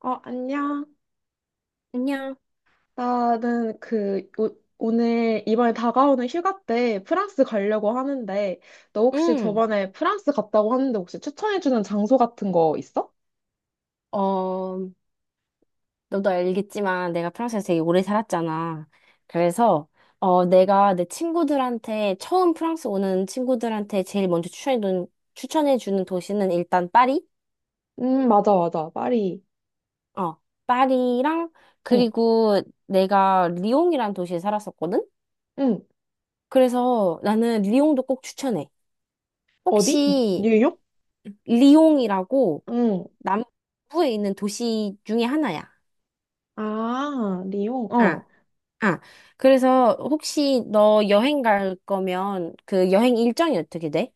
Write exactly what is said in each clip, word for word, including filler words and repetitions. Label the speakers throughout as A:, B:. A: 어, 안녕.
B: 안녕.
A: 나는 그, 오, 오늘 이번에 다가오는 휴가 때 프랑스 가려고 하는데, 너 혹시
B: 응.
A: 저번에 프랑스 갔다고 하는데 혹시 추천해주는 장소 같은 거 있어?
B: 어, 너도 알겠지만 내가 프랑스에서 되게 오래 살았잖아. 그래서 어, 내가 내 친구들한테 처음 프랑스 오는 친구들한테 제일 먼저 추천해 주는 추천해 주는 도시는 일단 파리?
A: 음, 맞아, 맞아. 파리.
B: 어, 파리랑
A: 응,
B: 그리고 내가 리옹이란 도시에 살았었거든.
A: 응.
B: 그래서 나는 리옹도 꼭 추천해.
A: 어디? 뉴-
B: 혹시
A: 뉴욕?
B: 리옹이라고
A: 응.
B: 남부에 있는 도시 중에 하나야.
A: 아, 리옹.
B: 아,
A: 어.
B: 아, 그래서 혹시 너 여행 갈 거면 그 여행 일정이 어떻게 돼?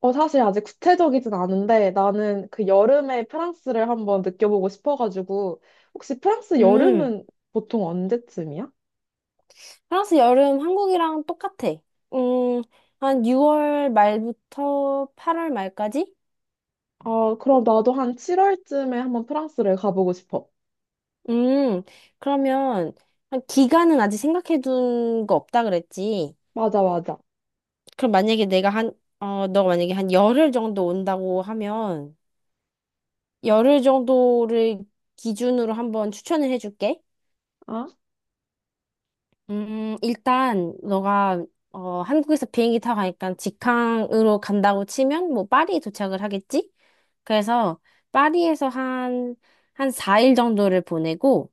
A: 어, 사실 아직 구체적이진 않은데, 나는 그 여름에 프랑스를 한번 느껴보고 싶어가지고, 혹시 프랑스
B: 음,
A: 여름은 보통 언제쯤이야?
B: 프랑스 여름 한국이랑 똑같아. 음, 한 유월 말부터 팔월 말까지?
A: 아, 그럼 나도 한 칠월쯤에 한번 프랑스를 가보고 싶어.
B: 음, 그러면 한 기간은 아직 생각해둔 거 없다 그랬지.
A: 맞아, 맞아.
B: 그럼 만약에 내가 한, 어, 너가 만약에 한 열흘 정도 온다고 하면 열흘 정도를 기준으로 한번 추천을 해줄게.
A: 아?
B: 음, 일단 너가 어, 한국에서 비행기 타고 가니까 직항으로 간다고 치면 뭐 파리에 도착을 하겠지? 그래서 파리에서 한, 한 사 일 정도를 보내고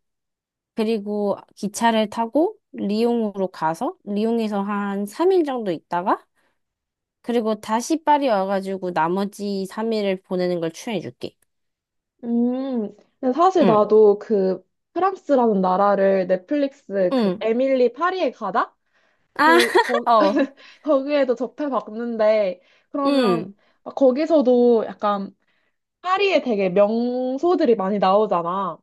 B: 그리고 기차를 타고 리옹으로 가서 리옹에서 한 삼 일 정도 있다가 그리고 다시 파리 와가지고 나머지 삼 일을 보내는 걸 추천해 줄게.
A: 음, 근데 사실
B: 응,
A: 나도 그 프랑스라는 나라를 넷플릭스 그
B: 응.
A: 에밀리 파리에 가다?
B: 아,
A: 그, 거,
B: 어,
A: 거기에도 접해봤는데, 그러면
B: 응,
A: 거기서도 약간 파리에 되게 명소들이 많이 나오잖아.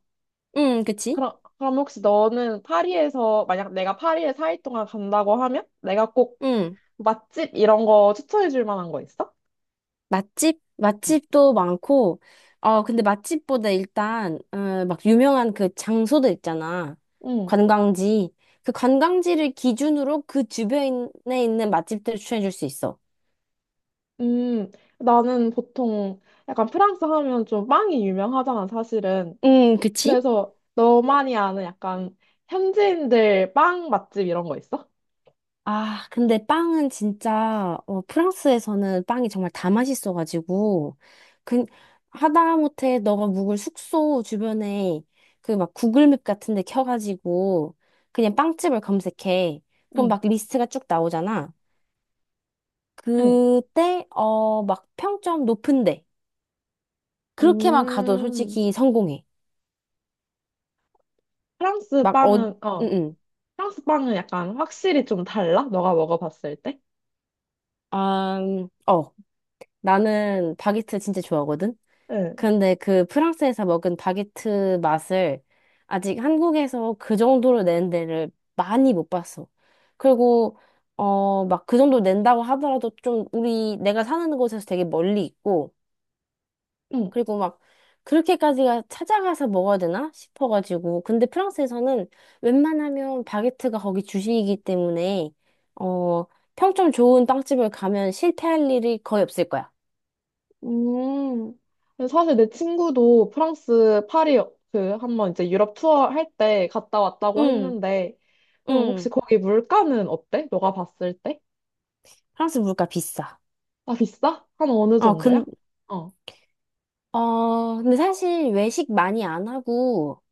B: 응, 그치?
A: 그럼, 그럼 혹시 너는 파리에서, 만약 내가 파리에 사 일 동안 간다고 하면 내가 꼭
B: 응.
A: 맛집 이런 거 추천해 줄 만한 거 있어?
B: 맛집? 맛집도 많고, 어, 근데 맛집보다 일단, 어, 막 유명한 그 장소들 있잖아.
A: 응.
B: 관광지. 그 관광지를 기준으로 그 주변에 있는 맛집들을 추천해 줄 수 있어.
A: 음, 나는 보통 약간 프랑스 하면 좀 빵이 유명하잖아, 사실은.
B: 음, 그치?
A: 그래서 너만이 아는 약간 현지인들 빵 맛집 이런 거 있어?
B: 아, 근데 빵은 진짜, 어, 프랑스에서는 빵이 정말 다 맛있어가지고, 그, 하다못해 너가 묵을 숙소 주변에 그 막 구글맵 같은 데 켜가지고, 그냥 빵집을 검색해. 그럼
A: 응,
B: 막 리스트가 쭉 나오잖아.
A: 응.
B: 그때, 어, 막 평점 높은데. 그렇게만 가도
A: 음,
B: 솔직히 성공해.
A: 프랑스
B: 막, 어, 응,
A: 빵은, 어,
B: 응.
A: 프랑스 빵은 약간 확실히 좀 달라? 너가 먹어봤을 때?
B: 아, 음, 어, 나는 바게트 진짜 좋아하거든? 근데 그 프랑스에서 먹은 바게트 맛을 아직 한국에서 그 정도로 낸 데를 많이 못 봤어. 그리고 어, 막 그 정도 낸다고 하더라도 좀 우리 내가 사는 곳에서 되게 멀리 있고
A: 응.
B: 그리고 막 그렇게까지가 찾아가서 먹어야 되나 싶어가지고 근데 프랑스에서는 웬만하면 바게트가 거기 주식이기 때문에 어, 평점 좋은 빵집을 가면 실패할 일이 거의 없을 거야.
A: 음, 근데 사실 내 친구도 프랑스 파리 그 한번 이제 유럽 투어 할 때 갔다 왔다고
B: 응,
A: 했는데, 그럼 혹시
B: 응.
A: 거기 물가는 어때? 너가 봤을 때?
B: 프랑스 물가 비싸.
A: 아, 비싸? 한 어느
B: 어, 근,
A: 정도야? 어.
B: 어, 근데 사실 외식 많이 안 하고,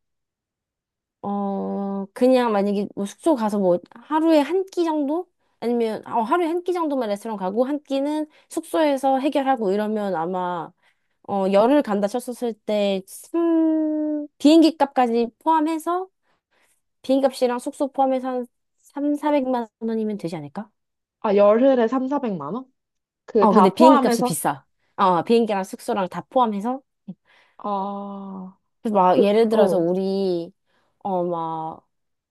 B: 어, 그냥 만약에 뭐 숙소 가서 뭐 하루에 한 끼 정도? 아니면, 어, 하루에 한 끼 정도만 레스토랑 가고, 한 끼는 숙소에서 해결하고 이러면 아마, 어, 열흘 간다 쳤었을 때, 삼, 비행기 값까지 포함해서, 비행기 값이랑 숙소 포함해서 한 삼, 사백만 원이면 되지 않을까?
A: 아, 열흘에 삼, 사백만 원? 그
B: 어, 근데
A: 다
B: 비행기 값이
A: 포함해서?
B: 비싸. 어, 비행기랑 숙소랑 다 포함해서.
A: 아,
B: 그래서 막
A: 그,
B: 예를 들어서
A: 어,
B: 우리, 어, 막,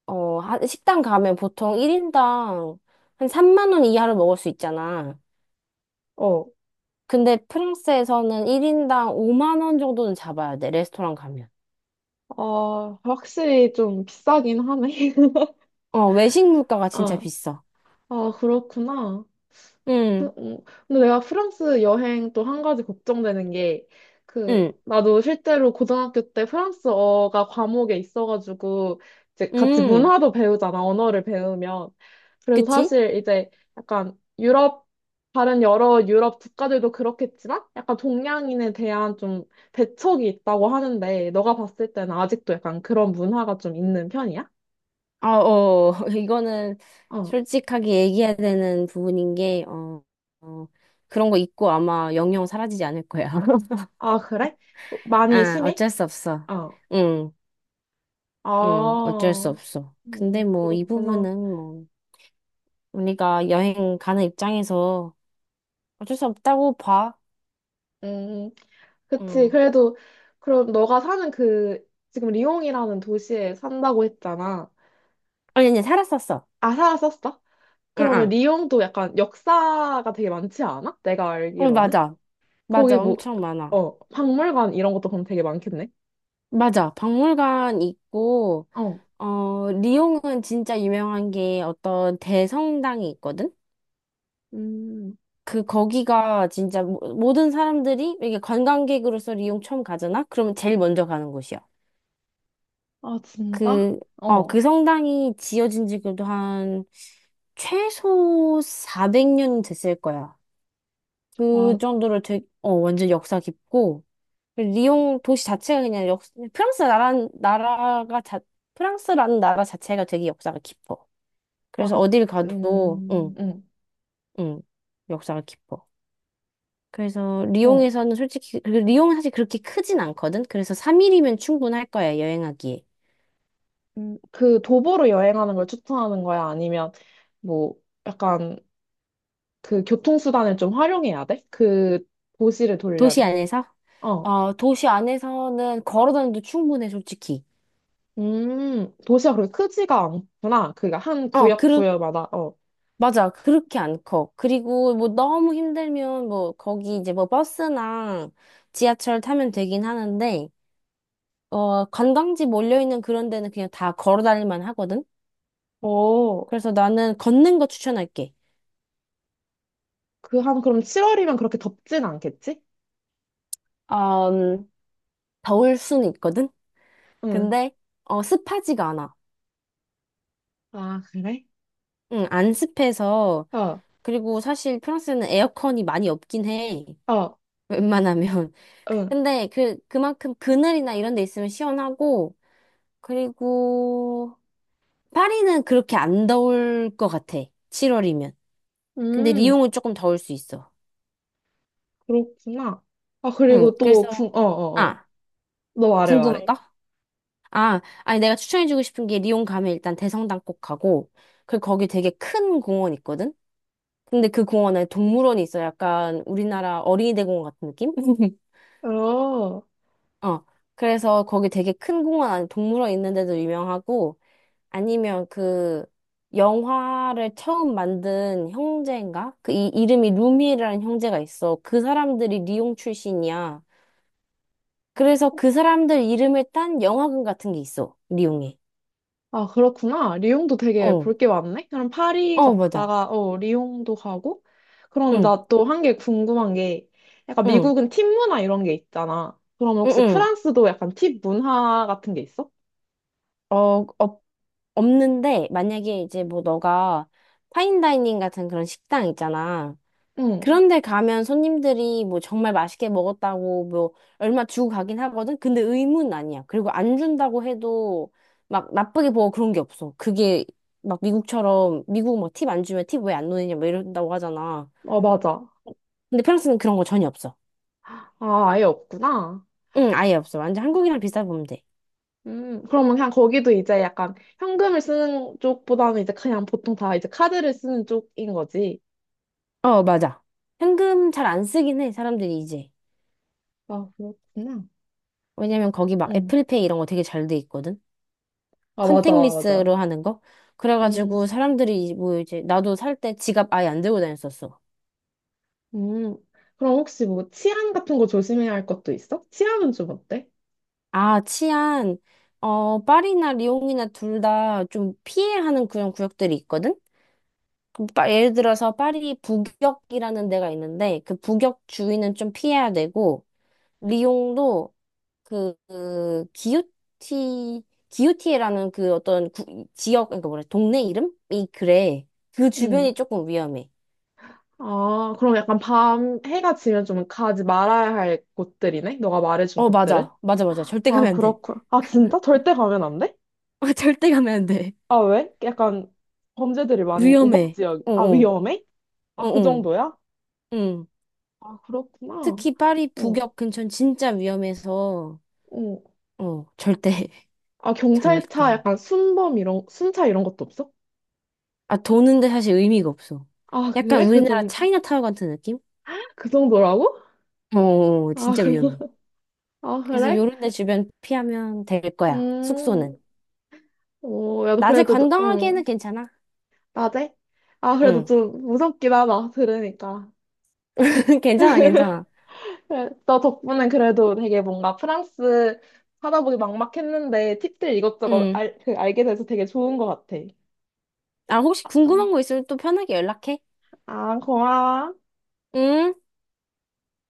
B: 어, 한 식당 가면 보통 일 인당 한 삼만 원 이하로 먹을 수 있잖아.
A: 어.
B: 근데 프랑스에서는 일 인당 오만 원 정도는 잡아야 돼, 레스토랑 가면.
A: 아, 확실히 좀 비싸긴 하네.
B: 어, 외식 물가가 진짜
A: 어.
B: 비싸.
A: 아, 그렇구나.
B: 응,
A: 또, 음. 근데 내가 프랑스 여행 또 한 가지 걱정되는 게, 그,
B: 응,
A: 나도 실제로 고등학교 때 프랑스어가 과목에 있어가지고, 이제 같이
B: 응.
A: 문화도 배우잖아, 언어를 배우면. 그래서
B: 그치?
A: 사실 이제 약간 유럽, 다른 여러 유럽 국가들도 그렇겠지만, 약간 동양인에 대한 좀 배척이 있다고 하는데, 너가 봤을 때는 아직도 약간 그런 문화가 좀 있는 편이야?
B: 아, 어, 이거는
A: 어.
B: 솔직하게 얘기해야 되는 부분인 게, 어, 어, 그런 거 있고 아마 영영 사라지지 않을 거야.
A: 아, 그래? 많이
B: 아,
A: 심해?
B: 어쩔 수 없어.
A: 어.
B: 응, 응, 어쩔 수
A: 아,
B: 없어.
A: 음,
B: 근데 뭐, 이
A: 그렇구나.
B: 부분은 뭐, 우리가 여행 가는 입장에서 어쩔 수 없다고 봐.
A: 음, 그치.
B: 응.
A: 그래도, 그럼 너가 사는 그, 지금 리옹이라는 도시에 산다고 했잖아.
B: 아니, 아니, 살았었어.
A: 아, 살았었어?
B: 응,
A: 그러면
B: 응.
A: 리옹도 약간 역사가 되게 많지 않아? 내가
B: 응,
A: 알기로는?
B: 맞아.
A: 거기
B: 맞아.
A: 뭐,
B: 엄청 많아.
A: 어, 박물관 이런 것도 그럼 되게 많겠네?
B: 맞아. 박물관 있고,
A: 어,
B: 어, 리옹은 진짜 유명한 게 어떤 대성당이 있거든?
A: 음,
B: 그, 거기가 진짜 모- 모든 사람들이 이게 관광객으로서 리옹 처음 가잖아? 그러면 제일 먼저 가는 곳이야.
A: 아, 진짜?
B: 그, 어, 그
A: 어,
B: 성당이 지어진 지 그래도 한 최소 사백 년 됐을 거야. 그
A: 와,
B: 정도로 되게, 어, 완전 역사 깊고, 리옹 도시 자체가 그냥 역, 프랑스 나라, 나라가 자, 프랑스라는 나라 자체가 되게 역사가 깊어.
A: 아,
B: 그래서
A: 그,
B: 어딜 가도,
A: 음,
B: 응,
A: 응,
B: 응, 역사가 깊어. 그래서
A: 어.
B: 리옹에서는 솔직히, 그리고 리옹은 사실 그렇게 크진 않거든? 그래서 삼 일이면 충분할 거야, 여행하기에.
A: 음, 그 도보로 여행하는 걸 추천하는 거야? 아니면 뭐, 약간 그 교통수단을 좀 활용해야 돼? 그 도시를
B: 도시
A: 돌려면.
B: 안에서?
A: 어.
B: 어, 도시 안에서는 걸어 다녀도 충분해, 솔직히.
A: 음, 도시가 그렇게 크지가 않구나. 그니까 한
B: 어,
A: 구역
B: 그렇게
A: 구역마다, 어.
B: 맞아. 그렇게 안 커. 그리고 뭐 너무 힘들면 뭐 거기 이제 뭐 버스나 지하철 타면 되긴 하는데, 어, 관광지 몰려있는 그런 데는 그냥 다 걸어 다닐만 하거든?
A: 어,
B: 그래서 나는 걷는 거 추천할게.
A: 그 한, 그럼 칠월이면 그렇게 덥진 않겠지?
B: 어, 음, 더울 순 있거든?
A: 응.
B: 근데, 어, 습하지가 않아.
A: 아, 그래?
B: 응, 안 습해서.
A: 어,
B: 그리고 사실 프랑스는 에어컨이 많이 없긴 해.
A: 어,
B: 웬만하면.
A: 응.
B: 근데 그, 그만큼 그늘이나 이런 데 있으면 시원하고, 그리고, 파리는 그렇게 안 더울 것 같아. 칠월이면. 근데
A: 음,
B: 리옹은 조금 더울 수 있어.
A: 그렇구나. 아,
B: 응,
A: 그리고 또, 궁,
B: 그래서,
A: 어, 어, 어.
B: 아,
A: 너 말해,
B: 궁금한
A: 말해.
B: 거? 아, 아니, 내가 추천해주고 싶은 게 리옹 가면 일단 대성당 꼭 가고, 그리고 거기 되게 큰 공원 있거든? 근데 그 공원에 동물원이 있어. 약간 우리나라 어린이 대공원 같은 느낌?
A: 어.
B: 어. 그래서 거기 되게 큰 공원 안에 동물원 있는데도 유명하고, 아니면 그 영화를 처음 만든 형제인가? 그 이, 이름이 루미라는 형제가 있어. 그 사람들이 리옹 출신이야. 그래서 그 사람들 이름을 딴 영화관 같은 게 있어. 리옹에.
A: 아, 그렇구나. 리옹도 되게
B: 어,
A: 볼 게 많네. 그럼 파리
B: 어, 맞아.
A: 갔다가, 어, 리옹도 가고. 그러면
B: 응,
A: 나 또 한 게 궁금한 게, 약간
B: 응,
A: 미국은 팁 문화 이런 게 있잖아. 그럼
B: 응,
A: 혹시
B: 응.
A: 프랑스도 약간 팁 문화 같은 게 있어?
B: 어, 어, 없는데 만약에 이제 뭐 너가 파인다이닝 같은 그런 식당 있잖아.
A: 응.
B: 그런데 가면 손님들이 뭐 정말 맛있게 먹었다고 뭐 얼마 주고 가긴 하거든? 근데 의무는 아니야. 그리고 안 준다고 해도 막 나쁘게 보고 그런 게 없어. 그게 막 미국처럼 미국 막 팁 안 주면 팁 왜 안 넣느냐 막 이런다고 하잖아.
A: 어, 맞아.
B: 근데 프랑스는 그런 거 전혀 없어.
A: 아, 아예 없구나.
B: 응, 아예 없어. 완전 한국이랑 비슷하게 보면 돼.
A: 음, 그러면 그냥 거기도 이제 약간 현금을 쓰는 쪽보다는 이제 그냥 보통 다 이제 카드를 쓰는 쪽인 거지.
B: 어, 맞아. 현금 잘 안 쓰긴 해, 사람들이 이제.
A: 아, 그렇구나.
B: 왜냐면 거기 막
A: 응.
B: 애플페이 이런 거 되게 잘 돼 있거든?
A: 아, 맞아, 맞아.
B: 컨택리스로 하는 거?
A: 응.
B: 그래가지고 사람들이 이- 뭐 이제 나도 살 때 지갑 아예 안 들고 다녔었어.
A: 음, 그럼 혹시 뭐 치안 같은 거 조심해야 할 것도 있어? 치안은 좀 어때?
B: 아, 치안. 어, 파리나 리옹이나 둘 다 좀 피해 하는 그런 구역들이 있거든? 그 파- 예를 들어서 파리 북역이라는 데가 있는데 그 북역 주위는 좀 피해야 되고 리옹도 그, 그 기요티 기요티에라는 그 어떤 구- 지역 그러니까 뭐래 동네 이름이 그래 그
A: 음.
B: 주변이 조금 위험해.
A: 아, 그럼 약간 밤 해가 지면 좀 가지 말아야 할 곳들이네? 너가 말해준
B: 어
A: 곳들은?
B: 맞아 맞아 맞아 절대 가면
A: 아,
B: 안 돼.
A: 그렇군. 아, 진짜? 절대 가면 안 돼?
B: 아, 절대 가면 안 돼.
A: 아, 왜? 약간 범죄들이 많이 우박
B: 위험해.
A: 지역. 아,
B: 어어.
A: 위험해? 아, 그
B: 어어.
A: 정도야?
B: 응.
A: 아, 그렇구나.
B: 특히 파리
A: 어,
B: 북역 근처는 진짜 위험해서,
A: 어.
B: 어, 절대.
A: 아, 경찰차
B: 절대.
A: 약간 순범 이런, 순차 이런 것도 없어?
B: 아, 도는데 사실 의미가 없어.
A: 아,
B: 약간
A: 그래? 그
B: 우리나라
A: 정도,
B: 차이나타운 같은 느낌?
A: 그 정도라고?
B: 어, 어, 어.
A: 아,
B: 진짜
A: 그럼,
B: 위험해.
A: 아,
B: 그래서
A: 그래?
B: 요런 데 주변 피하면 될 거야.
A: 음.
B: 숙소는.
A: 오, 야,
B: 낮에
A: 그래도, 너-
B: 관광하기에는
A: 응,
B: 괜찮아.
A: 낮에? 아, 그래도
B: 응.
A: 좀 무섭긴 하다, 들으니까.
B: 괜찮아, 괜찮아.
A: 그래, 너 덕분에 그래도 되게 뭔가 프랑스 하다보기 막막했는데 팁들 이것저것
B: 응.
A: 알, 그, 알게 돼서 되게 좋은 것 같아.
B: 아, 혹시
A: 응.
B: 궁금한 거 있으면 또 편하게 연락해.
A: 아, 고마워.
B: 응?